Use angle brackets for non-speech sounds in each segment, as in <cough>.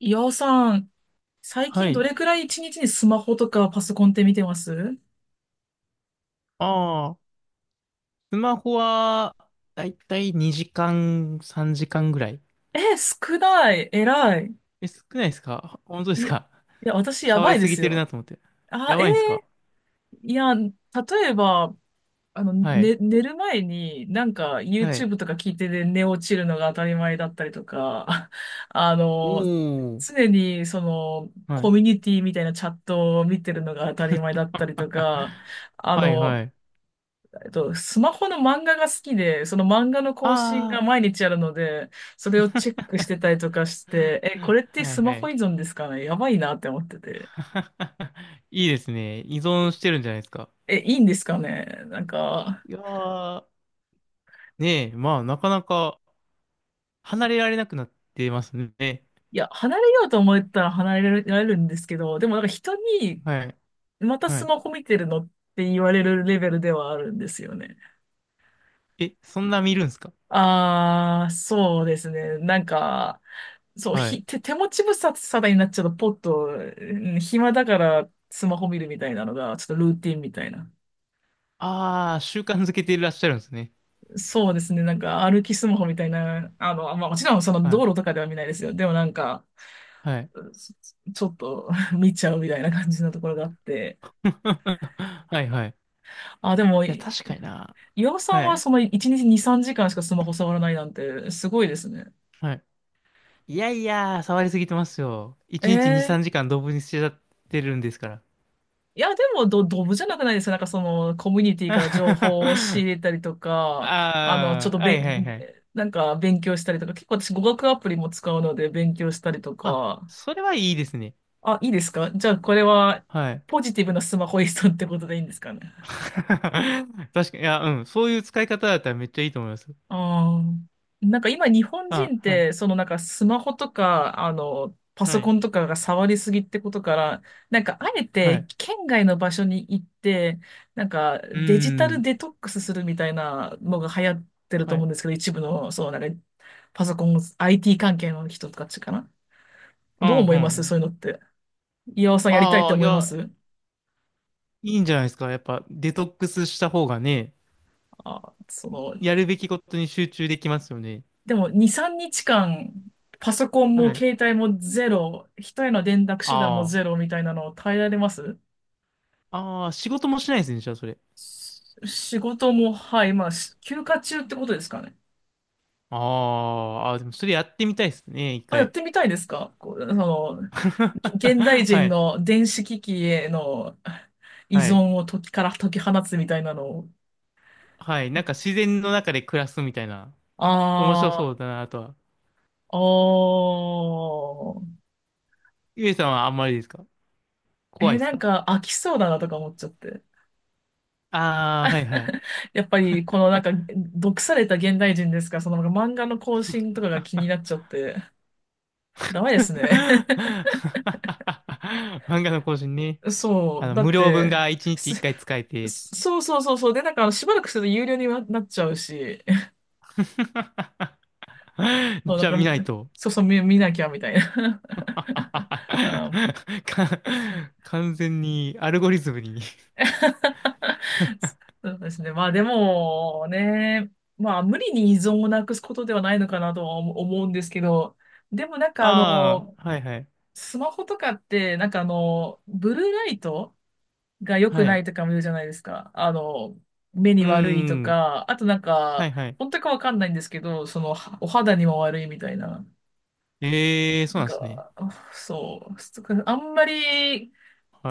岩尾さん、最は近どい。れくらい一日にスマホとかパソコンって見てます？ああ、スマホは、だいたい2時間、3時間ぐらい。え、少ない。偉い。え、少ないですか？本当でいすや、いか？ や、<laughs> 私や触ばりいすでぎすてるよ。なと思って。あ、やばいんですか？いや、例えば、はい。ね、寝る前になんか はい。YouTube とか聞いてで寝落ちるのが当たり前だったりとか、<laughs> あの、おー。常にそのはコい。ミュニティみたいなチャットを見てるのが当たり前だったりと <laughs> か、あはいの、はい。スマホの漫画が好きで、その漫画の更新があ毎日あるので、それをチェックしてたりとかしあ。て、え、これ <laughs> ってはスいはマホい。依存ですかね、やばいなって思ってて。<laughs> いいですね。依存してるんじゃないですか？え、いいんですかね、なんか、いやー、ねえ、まあ、なかなか離れられなくなってますね。いや、離れようと思ったら離れられるんですけど、でもなんか人に、はい。またはスい。マホ見てるのって言われるレベルではあるんですよね。え、そんな見るんですか？あー、そうですね。なんか、そう、はい。<laughs> 手持ち無沙汰になっちゃうと、ポッと、うん、暇だからスマホ見るみたいなのが、ちょっとルーティンみたいな。ああ、習慣づけていらっしゃるんですね。そうですね、なんか歩きスマホみたいな、まあ、もちろんそのは道い。路とかでは見ないですよ。でもなんか、はい。うん、ちょっと <laughs> 見ちゃうみたいな感じのところがあって。<laughs> はいはい。いあ、でも、や、確かにな。岩尾さんははい。その1日2、3時間しかスマホ触らないなんて、すごいですね。はい。いやいや、触りすぎてますよ。え1日2、3ー時間動物にしちゃってるんですから。いや、でも、ドブじゃなくないですか、なんかその、コミュニティから情 <laughs> 報を仕入れたりとか、ちょっああ、とはいはいはい。なんか勉強したりとか、結構私語学アプリも使うので勉強したりとあ、か、それはいいですね。あ、いいですか、じゃあこれは、はい。ポジティブなスマホ依存ってことでいいんですかね。 <laughs> 確かに、いや、うん。そういう使い方だったらめっちゃいいと思います。ああ。なんか今日本あ、人っはい。て、そのなんかスマホとか、パはソコい。ンとかが触りすぎってことから、なんかあえはてい。県外の場所に行って、なんかうーデジタルん。デトックスするみたいなのが流行ってるとは思うんい。ですけど、一部の、そう、なんかパソコン、IT 関係の人たちかな。うん、どううん。思ういます、ん、そういうのって。岩尾さん、やりたいってああ、い思いまや、す？いいんじゃないですか。やっぱデトックスした方がね、あ、その、やるべきことに集中できますよね。でも2、3日間、パソコンはもい。携帯もゼロ、人への連絡手段もあゼロみたいなのを耐えられます？あ。ああ、仕事もしないですね、じゃあそれ。仕事も、はい、まあ、休暇中ってことですかね。ああ、あーでもそれやってみたいですね、一あ、やっ回。てみたいですか、こう、その、現代 <laughs> は人い。の電子機器への依はい。存を時から解き放つみたいなのを。はい。なんか自然の中で暮らすみたいな。面白そあうだな、あとは。あ、おー。ゆえさんはあんまりですか？怖いえ、ですなんか？か飽きそうだなとか思っちゃって。ああー、はいはい。<laughs> やっぱり、このなんか、毒された現代人ですから、その漫画の更新とかが気になっちゃって、ダメです <laughs> ね。漫画の更新ね。<laughs> そう、だっ無料分て、が一日一す回使えて。そうそうそうそう。で、なんか、しばらくすると有料になっちゃうし、<laughs> <laughs> そ <laughs> う、なじゃあ見んなか、いと。そうそう、見なきゃみたいな。<laughs> あはは <laughs> あ、はか、完全にアルゴリズムに。 そうですね。まあ、でもね、まあ、無理に依存をなくすことではないのかなとは思うんですけど、でもなん <laughs> か、ああ、はいはい。スマホとかって、なんかブルーライトが良くはない。いとかも言うじゃないですか。あの、目にう悪いとん。か、あとなんはか、いはい。本当かわかんないんですけど、その、お肌にも悪いみたいな。ええー、そなうんなんですね。か、あそう、そっか、あんまり、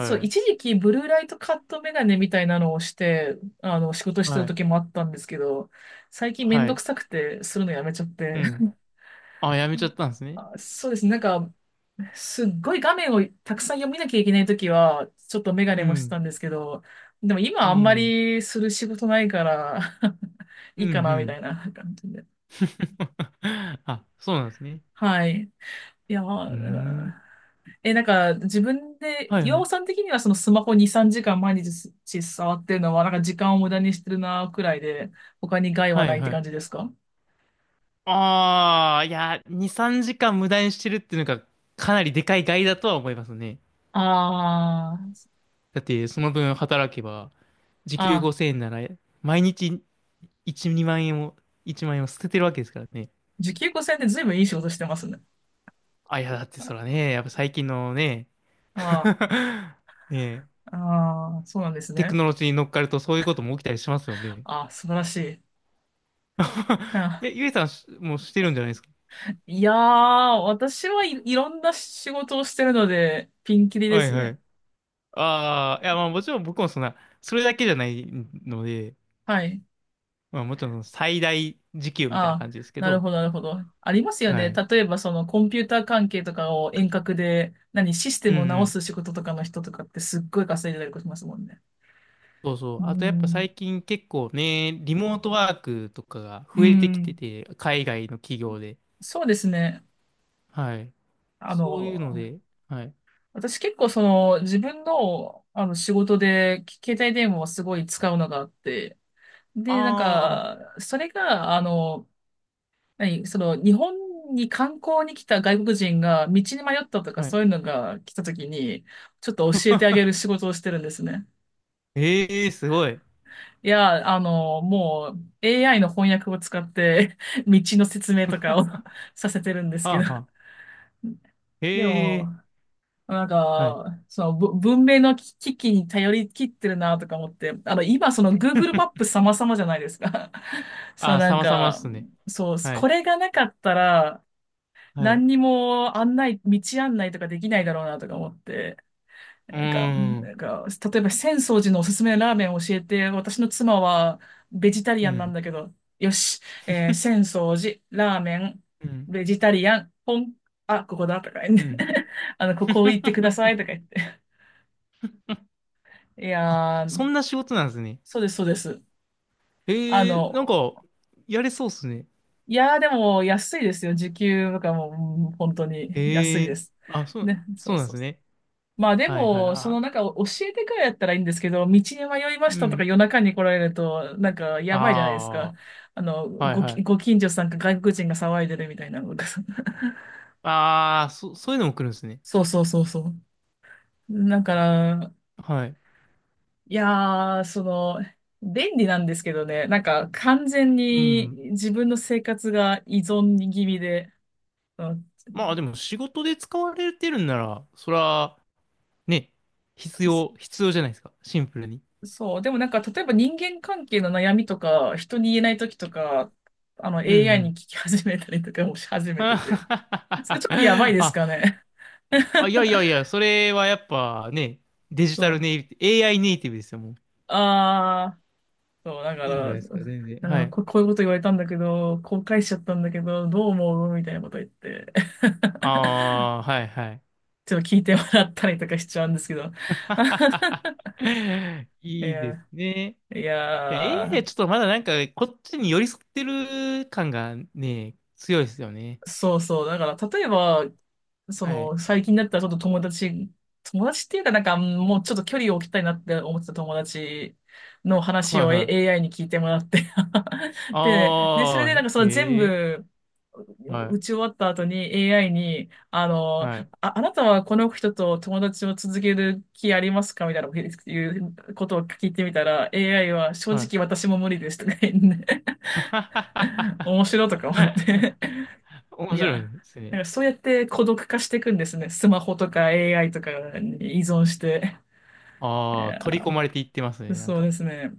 そう、い。一時期ブルーライトカットメガネみたいなのをして、あの、仕事してはたい。時もあったんですけど、最近めんはどくい。さくて、するのやめちゃっうて。ん。<laughs> あ、やめちゃったんですね。あ、そうですね。なんか、すっごい画面をたくさん読みなきゃいけないときは、ちょっとメガうネもしてたん。んですけど、でもう今あんまん。りする仕事ないから <laughs> いういん。うかな、みたん。いな感じで。<laughs> あ、そうなんですね。はい。いや、ううーん、ん。なんか自分で、はい岩は尾い。さん的にはそのスマホ2、3時間毎日触ってるのは、なんか時間を無駄にしてるな、くらいで、他に害ははないいっては感い。じですか？ああ、いや、2、3時間無駄にしてるっていうのがかなりでかい害だとは思いますね。あだってその分働けば、時あ、あ給あ、5000円なら、毎日1、2万円を、1万円を捨ててるわけですからね。時給5 0ん0円で随分いい仕事してますね。あ、いや、だってそらね、やっぱ最近のね、<laughs> あねえ、あ、ああ、そうなんですテクね。ノロジーに乗っかるとそういうことも起きたりしますよね。ああ、素晴らしい。<laughs> え、あ、ゆえさんしもうしてるんじゃないですか？いやー、私はいろんな仕事をしてるので、ピンキリではいすはね。い。ああ、いやまあもちろん僕もそんな、それだけじゃないので、はい。まあもちろん最大時給みたいあなあ、感じですけなるど、ほど、なるほど。ありますよはね。い。例えば、そのコンピューター関係とかを遠隔で、何、システうんムをう直ん。す仕事とかの人とかってすっごい稼いでたりしますもんね。そうそうう。あとやっぱん。最近結構ね、リモートワークとかがう増えてきてん。て、海外の企業で。そうですね。はい。あそういうのの、で、はい。私結構その自分の、あの仕事で携帯電話をすごい使うのがあって、で、なんあか、それが、はい、その、日本に観光に来た外国人が道に迷ったとあ、かはそい。ういうのが来た時に、ちょっと教えてあげる仕事をしてるんですね。ええー、すごい。<laughs> いや、もう AI の翻訳を使って <laughs> 道の説明とかを は <laughs> させてるんですけあ、ど。はあ。<laughs> でえも、えなんー、はい。か、その文明の機器に頼り切ってるなとか思って、今その Google マップ <laughs> 様々じゃないですか。<laughs> そあう、あ、なん様々っか、すね。そう、はこい。れがなかったら、はい。う何にも案内、道案内とかできないだろうなとか思って、ーなん。んか、例えば浅草寺のおすすめのラーメンを教えて、私の妻はベジタリうアンなんん。だけど、よし、浅草寺、ラーメン、うん。ベジタリアン、ポン、あ、ここだとか言うって、ん。<laughs> ここ行ってくださ <laughs> いとか言って。いあ、やー、そんな仕事なんですね。そうです、そうです。あええー、なんの、か、やれそうっすね。いやー、でも安いですよ。時給とかも、うん、本当に安いええです。ー、あ、そう、ね、そそううなんでそう。すね。まあではいはい。も、そのあ、なんか教えてくらいだったらいいんですけど、道に迷いまうしたとかん、夜中に来られると、なんかやばいじゃないですか。ああ、はいはごい。近所さんか外国人が騒いでるみたいなのが。ああ、そういうのも来るんですね。<laughs> そうそうそうそう。だから、はい。いやー、その、便利なんですけどね、なんか完全うにん。自分の生活が依存気味で、うん。まあでも仕事で使われてるんなら、そら、ね、必要じゃないですか。シンプルに。そう。でもなんか、例えば人間関係の悩みとか、人に言えない時とか、うんう AI に聞ん。き始めたりとかもし始 <laughs> めてて。それちょっとやばいですかあ、ね。<laughs> あ、いやいやいや、それはやっぱね、デジそタルう。ネイティブ、AI ネイティブですよ、もう。ああ、そう、だかいいんじゃなら、いですか、全然。はなんかい。こういうこと言われたんだけど、後悔しちゃったんだけど、どう思うみたいなこと言って。<laughs> ああ、はいはい。ちょっと聞いてもらったりとかしちゃうんですけど。<laughs> <laughs> いいいですや、ね。いいや、エやーアイー、ちょっとまだなんか、こっちに寄り添ってる感がね、強いですよね。そうそう。だから、例えば、そはい。の、最近だったらちょっと友達っていうかなんか、もうちょっと距離を置きたいなって思ってた友達の話はいを、はい。AI に聞いてもらって <laughs> で、それあであ、なんかその全へえ。部、は打い。ち終わった後に AI に、はい。あなたはこの人と友達を続ける気ありますかみたいないうことを聞いてみたら、AI は正はい。直私も無理ですとか言って <laughs>、面白いとか思っ <laughs> て。い面白いや、ですなね。んかそうやって孤独化していくんですね。スマホとか AI とかに依存して。いああ、取や、り込まれていってますね、なんそうか。ですね。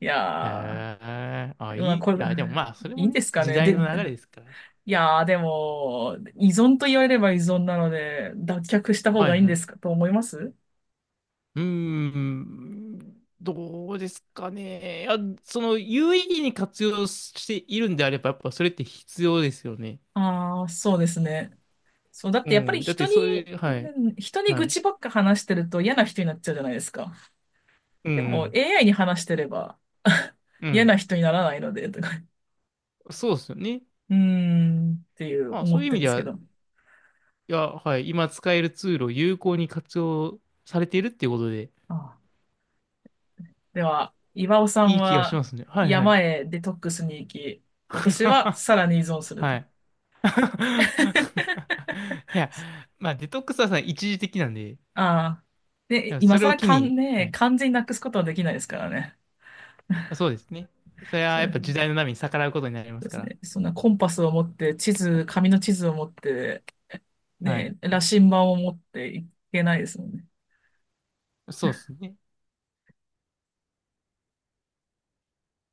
いへやえ。あ、いー、まあい。いこれ、や、でもまあ、それいいもんでね、すか時ね。代で、の流れですから。いやー、でも、依存と言われれば依存なので、脱却した方はがいいいんはでい。すかと思います。うーん、どうですかね。いや、その有意義に活用しているんであれば、やっぱそれって必要ですよね。ああー、そうですね。そう、だっうてやっぱりん。だってそういう、うはい、人には愚い。痴ばっか話してると嫌な人になっちゃうじゃないですか。うでも ん、う AI に話してれば ん。う <laughs> 嫌ん、な人にならないので、そうですよね。うーん、っていうまあそ思ういっう意て味るんでですは、けいど。や、はい、今使えるツールを有効に活用されているっていうことで、あ、では、岩尾さんいい気がしはますね。はい、はい。山へデトックスに行き、私はさ <laughs> らに依存するはと。い。<laughs> <laughs> いや、まあデトックスはさ、一時的なんで、いああ。で、や今それを更機かんに、はね、い完全になくすことはできないですからね。そうですね。それはやっぱ時そ代の波に逆らうことになりまうですかすら。ね。そんなコンパスを持って、紙の地図を持って、はい。ね、羅針盤を持っていけないですもんね。そうですね。